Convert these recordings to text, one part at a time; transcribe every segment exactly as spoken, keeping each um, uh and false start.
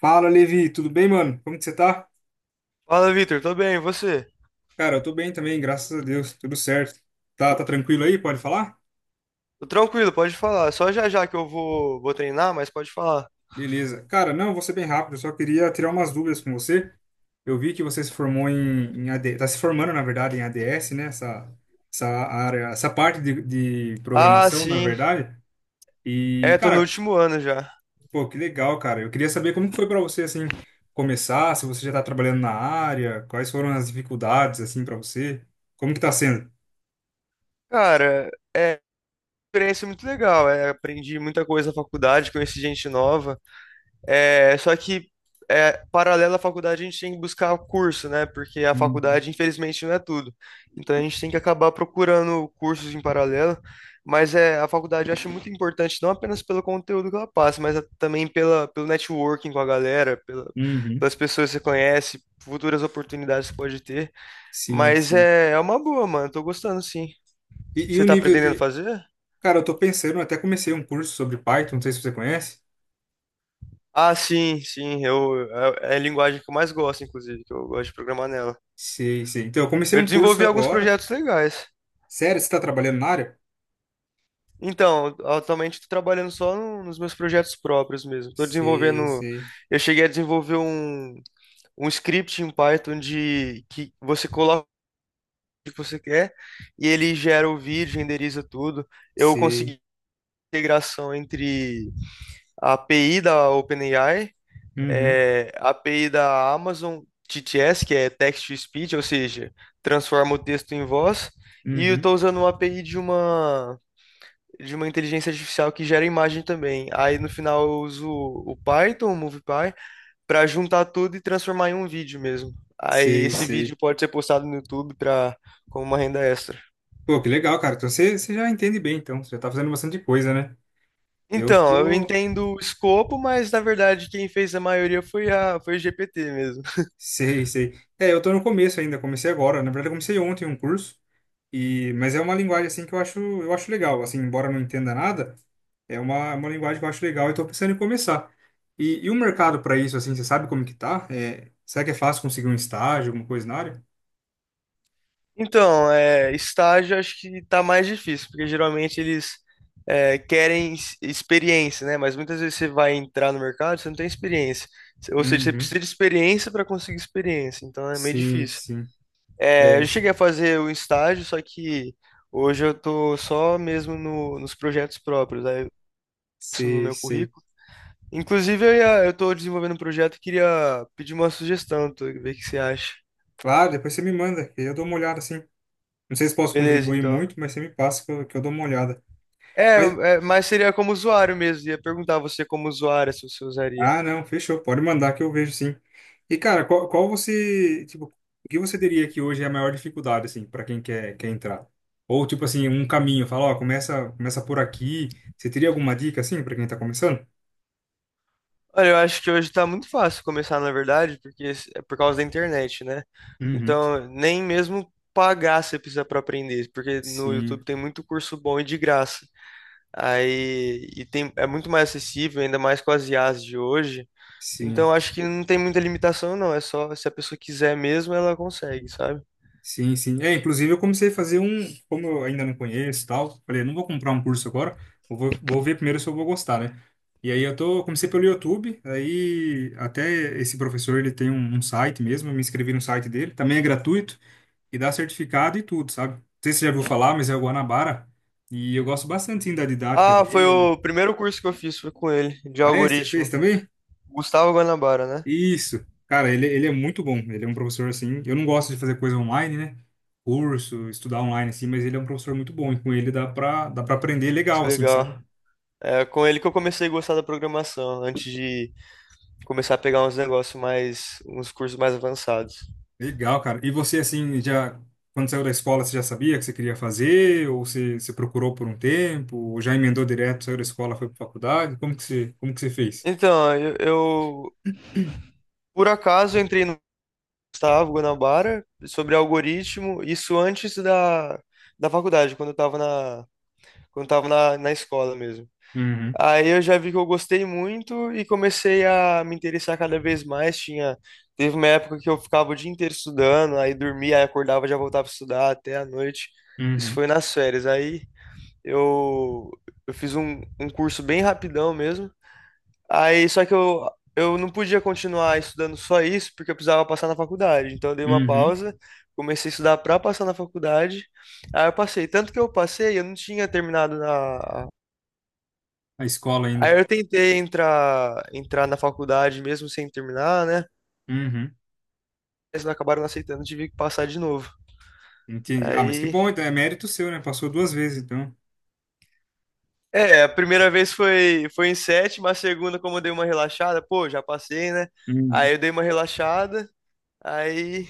Fala, Levi, tudo bem, mano? Como que você tá? Fala, Vitor, tô bem, e você? Cara, eu tô bem também, graças a Deus, tudo certo. Tá, tá tranquilo aí? Pode falar? Tô tranquilo, pode falar. Só já já que eu vou, vou treinar, mas pode falar. Beleza. Cara, não, vou ser bem rápido, eu só queria tirar umas dúvidas com você. Eu vi que você se formou em, em A D, tá se formando, na verdade, em A D S, né? Essa, essa área, essa parte de, de Ah, programação, na sim. verdade. E, É, tô no cara, último ano já. pô, que legal, cara. Eu queria saber como que foi pra você, assim, começar, se você já tá trabalhando na área, quais foram as dificuldades, assim, pra você. Como que tá sendo? Cara, é uma experiência muito legal. É, aprendi muita coisa na faculdade, conheci gente nova. É, só que é, paralelo à faculdade a gente tem que buscar curso, né? Porque a Uhum. faculdade, infelizmente, não é tudo. Então a gente tem que acabar procurando cursos em paralelo. Mas é, a faculdade eu acho muito importante, não apenas pelo conteúdo que ela passa, mas a- também pela, pelo networking com a galera, pela- Uhum. pelas pessoas que você conhece, futuras oportunidades que pode ter. Sim, Mas sim. é, é uma boa, mano. Tô gostando, sim. E, e Você o tá nível pretendendo de. fazer? Cara, eu tô pensando, eu até comecei um curso sobre Python, não sei se você conhece. Ah, sim, sim. Eu, é é a linguagem que eu mais gosto, inclusive, que eu gosto de programar nela. Sei, sei. Então, eu comecei Eu um curso desenvolvi alguns agora. projetos legais. Sério, você tá trabalhando na área? Então, atualmente estou trabalhando só no- nos meus projetos próprios mesmo. Estou Sei, desenvolvendo. sei, Eu cheguei a desenvolver um, um script em Python de que você coloca o que você quer e ele gera o vídeo, renderiza tudo. Eu sei. consegui integração entre a API da OpenAI, Uhum, é a API da Amazon T T S, que é Text to Speech, ou seja, transforma o texto em voz, e eu uhum. estou usando uma A P I de uma de uma inteligência artificial que gera imagem também. Aí no final eu uso o Python, o MoviePy, para juntar tudo e transformar em um vídeo mesmo. Aí Sei, esse sei. vídeo pode ser postado no YouTube para como uma renda extra. Pô, que legal, cara. Então, você, você já entende bem, então. Você já tá fazendo bastante coisa, né? Eu Então, eu tô. entendo o escopo, mas na verdade quem fez a maioria foi a foi o G P T mesmo. Sei, sei. É, eu tô no começo ainda, comecei agora. Na verdade, eu comecei ontem um curso. E, mas é uma linguagem assim que eu acho, eu acho legal, assim, embora eu não entenda nada, é uma, uma linguagem que eu acho legal e estou pensando em começar. E, e o mercado para isso, assim, você sabe como que tá? É, será que é fácil conseguir um estágio, alguma coisa na área? Então, é, estágio acho que tá mais difícil, porque geralmente eles é, querem ex- experiência, né? Mas muitas vezes você vai entrar no mercado, você não tem experiência. Ou seja, você Uhum. precisa de experiência para conseguir experiência, então é meio Sim, difícil. sim. É, eu É, cheguei a fazer o estágio, só que hoje eu tô só mesmo no- nos projetos próprios, aí isso no sei, meu sei. currículo. Inclusive, eu, ia, eu tô desenvolvendo um projeto e queria pedir uma sugestão, tu, ver o que você acha. Claro, depois você me manda, que eu dou uma olhada, assim. Não sei se posso Beleza, contribuir então. muito, mas você me passa que eu, que eu dou uma olhada. É, Mas é, mas seria como usuário mesmo. Ia perguntar a você como usuário se você usaria. Ah, não, fechou. Pode mandar que eu vejo sim. E, cara, qual, qual você, tipo, o que você diria que hoje é a maior dificuldade, assim, para quem quer, quer entrar? Ou, tipo assim, um caminho, fala, ó, começa, começa por aqui. Você teria alguma dica, assim, para quem tá começando? Olha, eu acho que hoje tá muito fácil começar, na verdade, porque s- é por causa da internet, né? Uhum. Então, nem mesmo pagar você precisa para aprender, porque no YouTube Sim, tem muito curso bom e de graça. Aí, e tem, é muito mais acessível, ainda mais com as I As de hoje. sim. Então, acho que não tem muita limitação, não. É só se a pessoa quiser mesmo, ela consegue, sabe? Sim, sim. É, inclusive eu comecei a fazer um, como eu ainda não conheço e tal, falei, não vou comprar um curso agora, eu vou, vou ver primeiro se eu vou gostar, né? E aí eu tô, eu comecei pelo YouTube, aí até esse professor, ele tem um, um site mesmo, eu me inscrevi no site dele, também é gratuito e dá certificado e tudo, sabe? Não sei se você já ouviu falar, mas é o Guanabara, e eu gosto bastante, sim, da didática Ah, foi dele. o primeiro curso que eu fiz, foi com ele, de Ah, é? Você fez algoritmo. também? Gustavo Guanabara, né? Isso. Cara, ele, ele é muito bom. Ele é um professor assim. Eu não gosto de fazer coisa online, né? Curso, estudar online assim, mas ele é um professor muito bom e com ele dá pra, dá pra aprender Que legal, assim, sabe? legal. É com ele que eu comecei a gostar da programação, antes de começar a pegar uns negócios mais, uns cursos mais avançados. Legal, cara. E você, assim, já, quando saiu da escola, você já sabia que você queria fazer? Ou você, você procurou por um tempo? Ou já emendou direto, saiu da escola, foi pra faculdade? Como que você, como que você fez? Então, eu, eu, por acaso eu entrei no Gustavo Guanabara sobre algoritmo, isso antes da, da faculdade, quando eu tava na, quando eu tava na, na escola mesmo. Uhum, Aí eu já vi que eu gostei muito e comecei a me interessar cada vez mais. Tinha, teve uma época que eu ficava o dia inteiro estudando, aí dormia, aí acordava, já voltava a estudar até a noite. Isso uhum, foi nas férias. Aí eu, eu fiz um, um curso bem rapidão mesmo. Aí só que eu, eu não podia continuar estudando só isso, porque eu precisava passar na faculdade. Então eu dei uma uhum. pausa, comecei a estudar para passar na faculdade. Aí eu passei. Tanto que eu passei, eu não tinha terminado na. A escola Aí ainda. eu tentei entrar, entrar na faculdade mesmo sem terminar, né? Uhum, Eles acabaram não aceitando, tive que passar de novo. entendi. Ah, mas que Aí, bom, então é mérito seu, né? Passou duas vezes, então. é, a primeira vez foi, foi em sétima, a segunda, como eu dei uma relaxada, pô, já passei, né? Uhum. Aí eu dei uma relaxada, aí,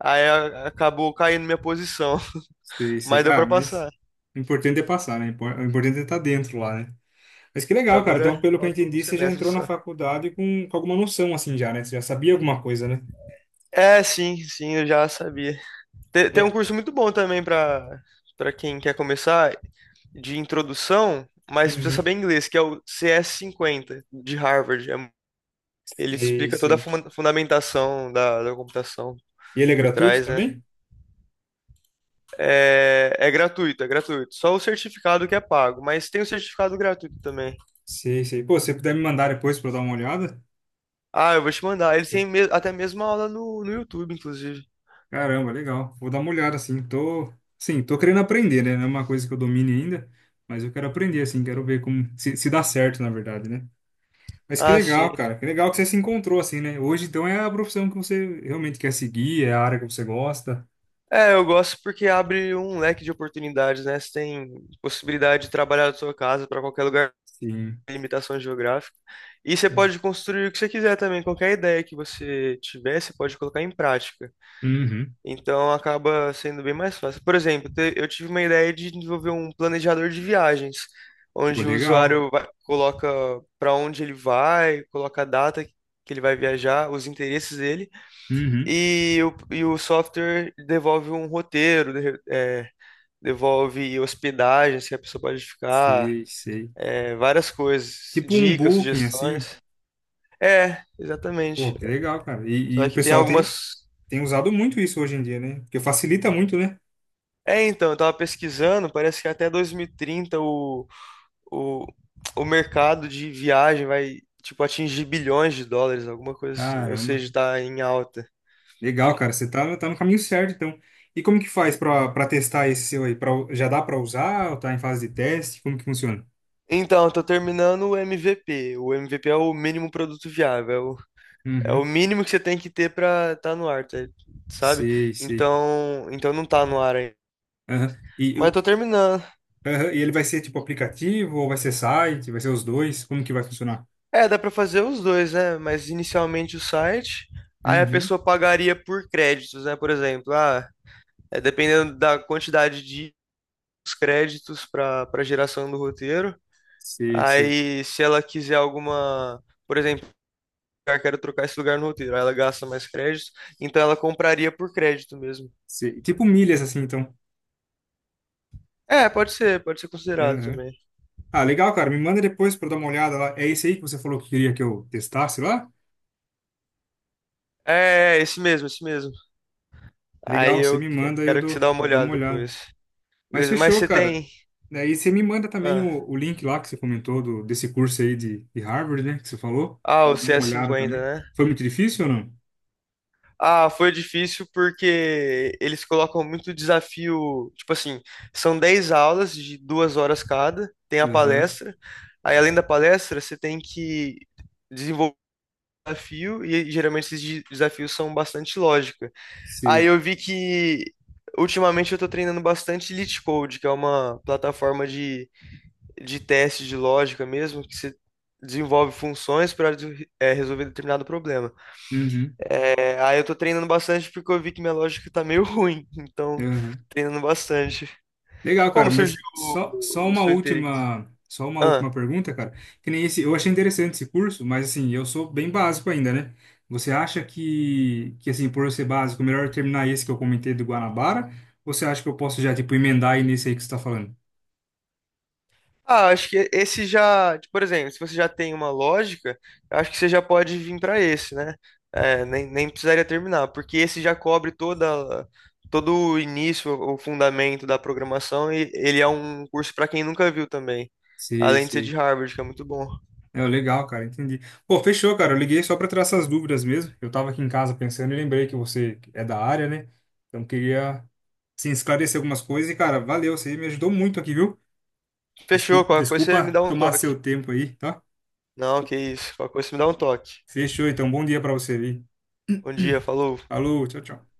aí a- acabou caindo minha posição, Sei, mas sei. deu pra Ah, mas passar. o importante é passar, né? Impor- O importante é estar dentro lá, né? Mas que Pra legal, cara. Então, agora pelo que eu falta um entendi, você já semestre entrou na só. faculdade com, com alguma noção, assim, já, né? Você já sabia alguma coisa, né? É, sim, sim, eu já sabia. Te- Tem, um É. curso muito bom também pra para quem quer começar, de introdução, mas precisa Uhum. saber inglês, que é o C S cinquenta de Harvard. É- Ele Sei, explica toda a sei. fun- fundamentação da, da computação E ele é por gratuito trás, né? também? É, é gratuito, é gratuito. Só o certificado que é pago, mas tem o certificado gratuito também. Sei, sei. Pô, se você puder me mandar depois pra eu dar uma olhada? Ah, eu vou te mandar. Eles têm Eu- me- até mesmo aula no, no YouTube, inclusive. Caramba, legal. Vou dar uma olhada, assim. Tô, sim, tô querendo aprender, né? Não é uma coisa que eu domine ainda, mas eu quero aprender, assim. Quero ver como... Se, se dá certo, na verdade, né? Mas que Ah, sim. legal, cara. Que legal que você se encontrou assim, né? Hoje, então, é a profissão que você realmente quer seguir, é a área que você gosta. É, eu gosto porque abre um leque de oportunidades, né? Você tem possibilidade de trabalhar da sua casa para qualquer lugar, Sim. limitação geográfica. E você pode construir o que você quiser também, qualquer ideia que você tiver, você pode colocar em prática. Uhum. Então acaba sendo bem mais fácil. Por exemplo, te- eu tive uma ideia de desenvolver um planejador de viagens, Pô, onde o legal. usuário vai- coloca para onde ele vai, coloca a data que ele vai viajar, os interesses dele, Uhum. e o, e o software devolve um roteiro, de- é, devolve hospedagens que a pessoa pode ficar, Sei, sei. é, várias coisas, Tipo um dicas, booking, assim. sugestões. É, exatamente. Pô, que legal, cara. E, e Só o que tem pessoal tem, algumas. tem usado muito isso hoje em dia, né? Porque facilita muito, né? É, então, eu tava pesquisando, parece que até dois mil e trinta o, o, o mercado de viagem vai, tipo, atingir bilhões de dólares, alguma coisa assim. Ou Caramba. seja, tá em alta. Legal, cara. Você tá, tá no caminho certo, então. E como que faz pra, pra testar esse seu aí? Pra, já dá pra usar ou tá em fase de teste? Como que funciona? Então, eu tô terminando o M V P. O M V P é o mínimo produto viável. É o, é o Uhum. mínimo que você tem que ter pra tá no ar, tá, sabe? Sei, sei. Então, então não tá no ar ainda. Aham. E Mas eu tô terminando. Aham, e ele vai ser tipo aplicativo ou vai ser site? Vai ser os dois? Como que vai funcionar? É, dá pra fazer os dois, né? Mas inicialmente o site, aí a Uhum. pessoa pagaria por créditos, né? Por exemplo, ah, é dependendo da quantidade de créditos para para geração do roteiro. Sei, sei, Aí, se ela quiser alguma, por exemplo, eu quero trocar esse lugar no roteiro, aí ela gasta mais créditos, então ela compraria por crédito mesmo. sei. Tipo milhas assim, então. É, pode ser, pode ser considerado Aham. também. Ah, legal, cara. Me manda depois para eu dar uma olhada lá. É esse aí que você falou que queria que eu testasse lá? É, é, é, esse mesmo, esse mesmo. Aí Legal, você eu me que- manda aí eu quero que você dou, dá uma dou olhada uma olhada. depois. Mas Beleza, mas fechou, você cara. tem. Daí você me manda também Ah, o, o link lá que você comentou do, desse curso aí de, de Harvard, né? Que você falou. ah, o Eu dou uma olhada também. C S cinquenta. Foi muito difícil ou não? Ah, foi difícil porque eles colocam muito desafio. Tipo assim, são dez aulas de duas horas cada, tem a Aham, palestra. Aí, além da palestra, você tem que desenvolver um desafio, e geralmente esses de- desafios são bastante lógica. Aí sei. eu vi que ultimamente eu tô treinando bastante Elite Code, que é uma plataforma de, de teste de lógica mesmo, que você desenvolve funções para resolver determinado problema. Uhum. É, aí eu tô treinando bastante porque eu vi que minha lógica tá meio ruim, então Aham. treinando bastante. Legal, cara, Como surgiu mas só, só o, o uma seu interesse? última, só uma última Ah, pergunta, cara. Que nem esse, eu achei interessante esse curso, mas assim, eu sou bem básico ainda, né? Você acha que, que assim, por eu ser básico, melhor eu terminar esse que eu comentei do Guanabara? Ou você acha que eu posso já, tipo, emendar aí nesse aí que você tá falando? ah, acho que esse já, tipo por exemplo, se você já tem uma lógica, eu acho que você já pode vir pra esse, né? É, nem, nem precisaria terminar, porque esse já cobre toda, todo o início, o fundamento da programação e ele é um curso pra quem nunca viu também. Sei, Além de ser de sei. Harvard, que é muito bom. É, legal, cara, entendi. Pô, fechou, cara. Eu liguei só para tirar essas dúvidas mesmo. Eu tava aqui em casa pensando e lembrei que você é da área, né? Então queria, assim, esclarecer algumas coisas e, cara, valeu, você me ajudou muito aqui, viu? Fechou, Desculpa, qualquer coisa você me desculpa dá um tomar toque. seu tempo aí, tá? Não, que isso, qualquer coisa você me dá um toque. Fechou, então. Bom dia para você aí. Bom dia, falou. Falou, tchau, tchau.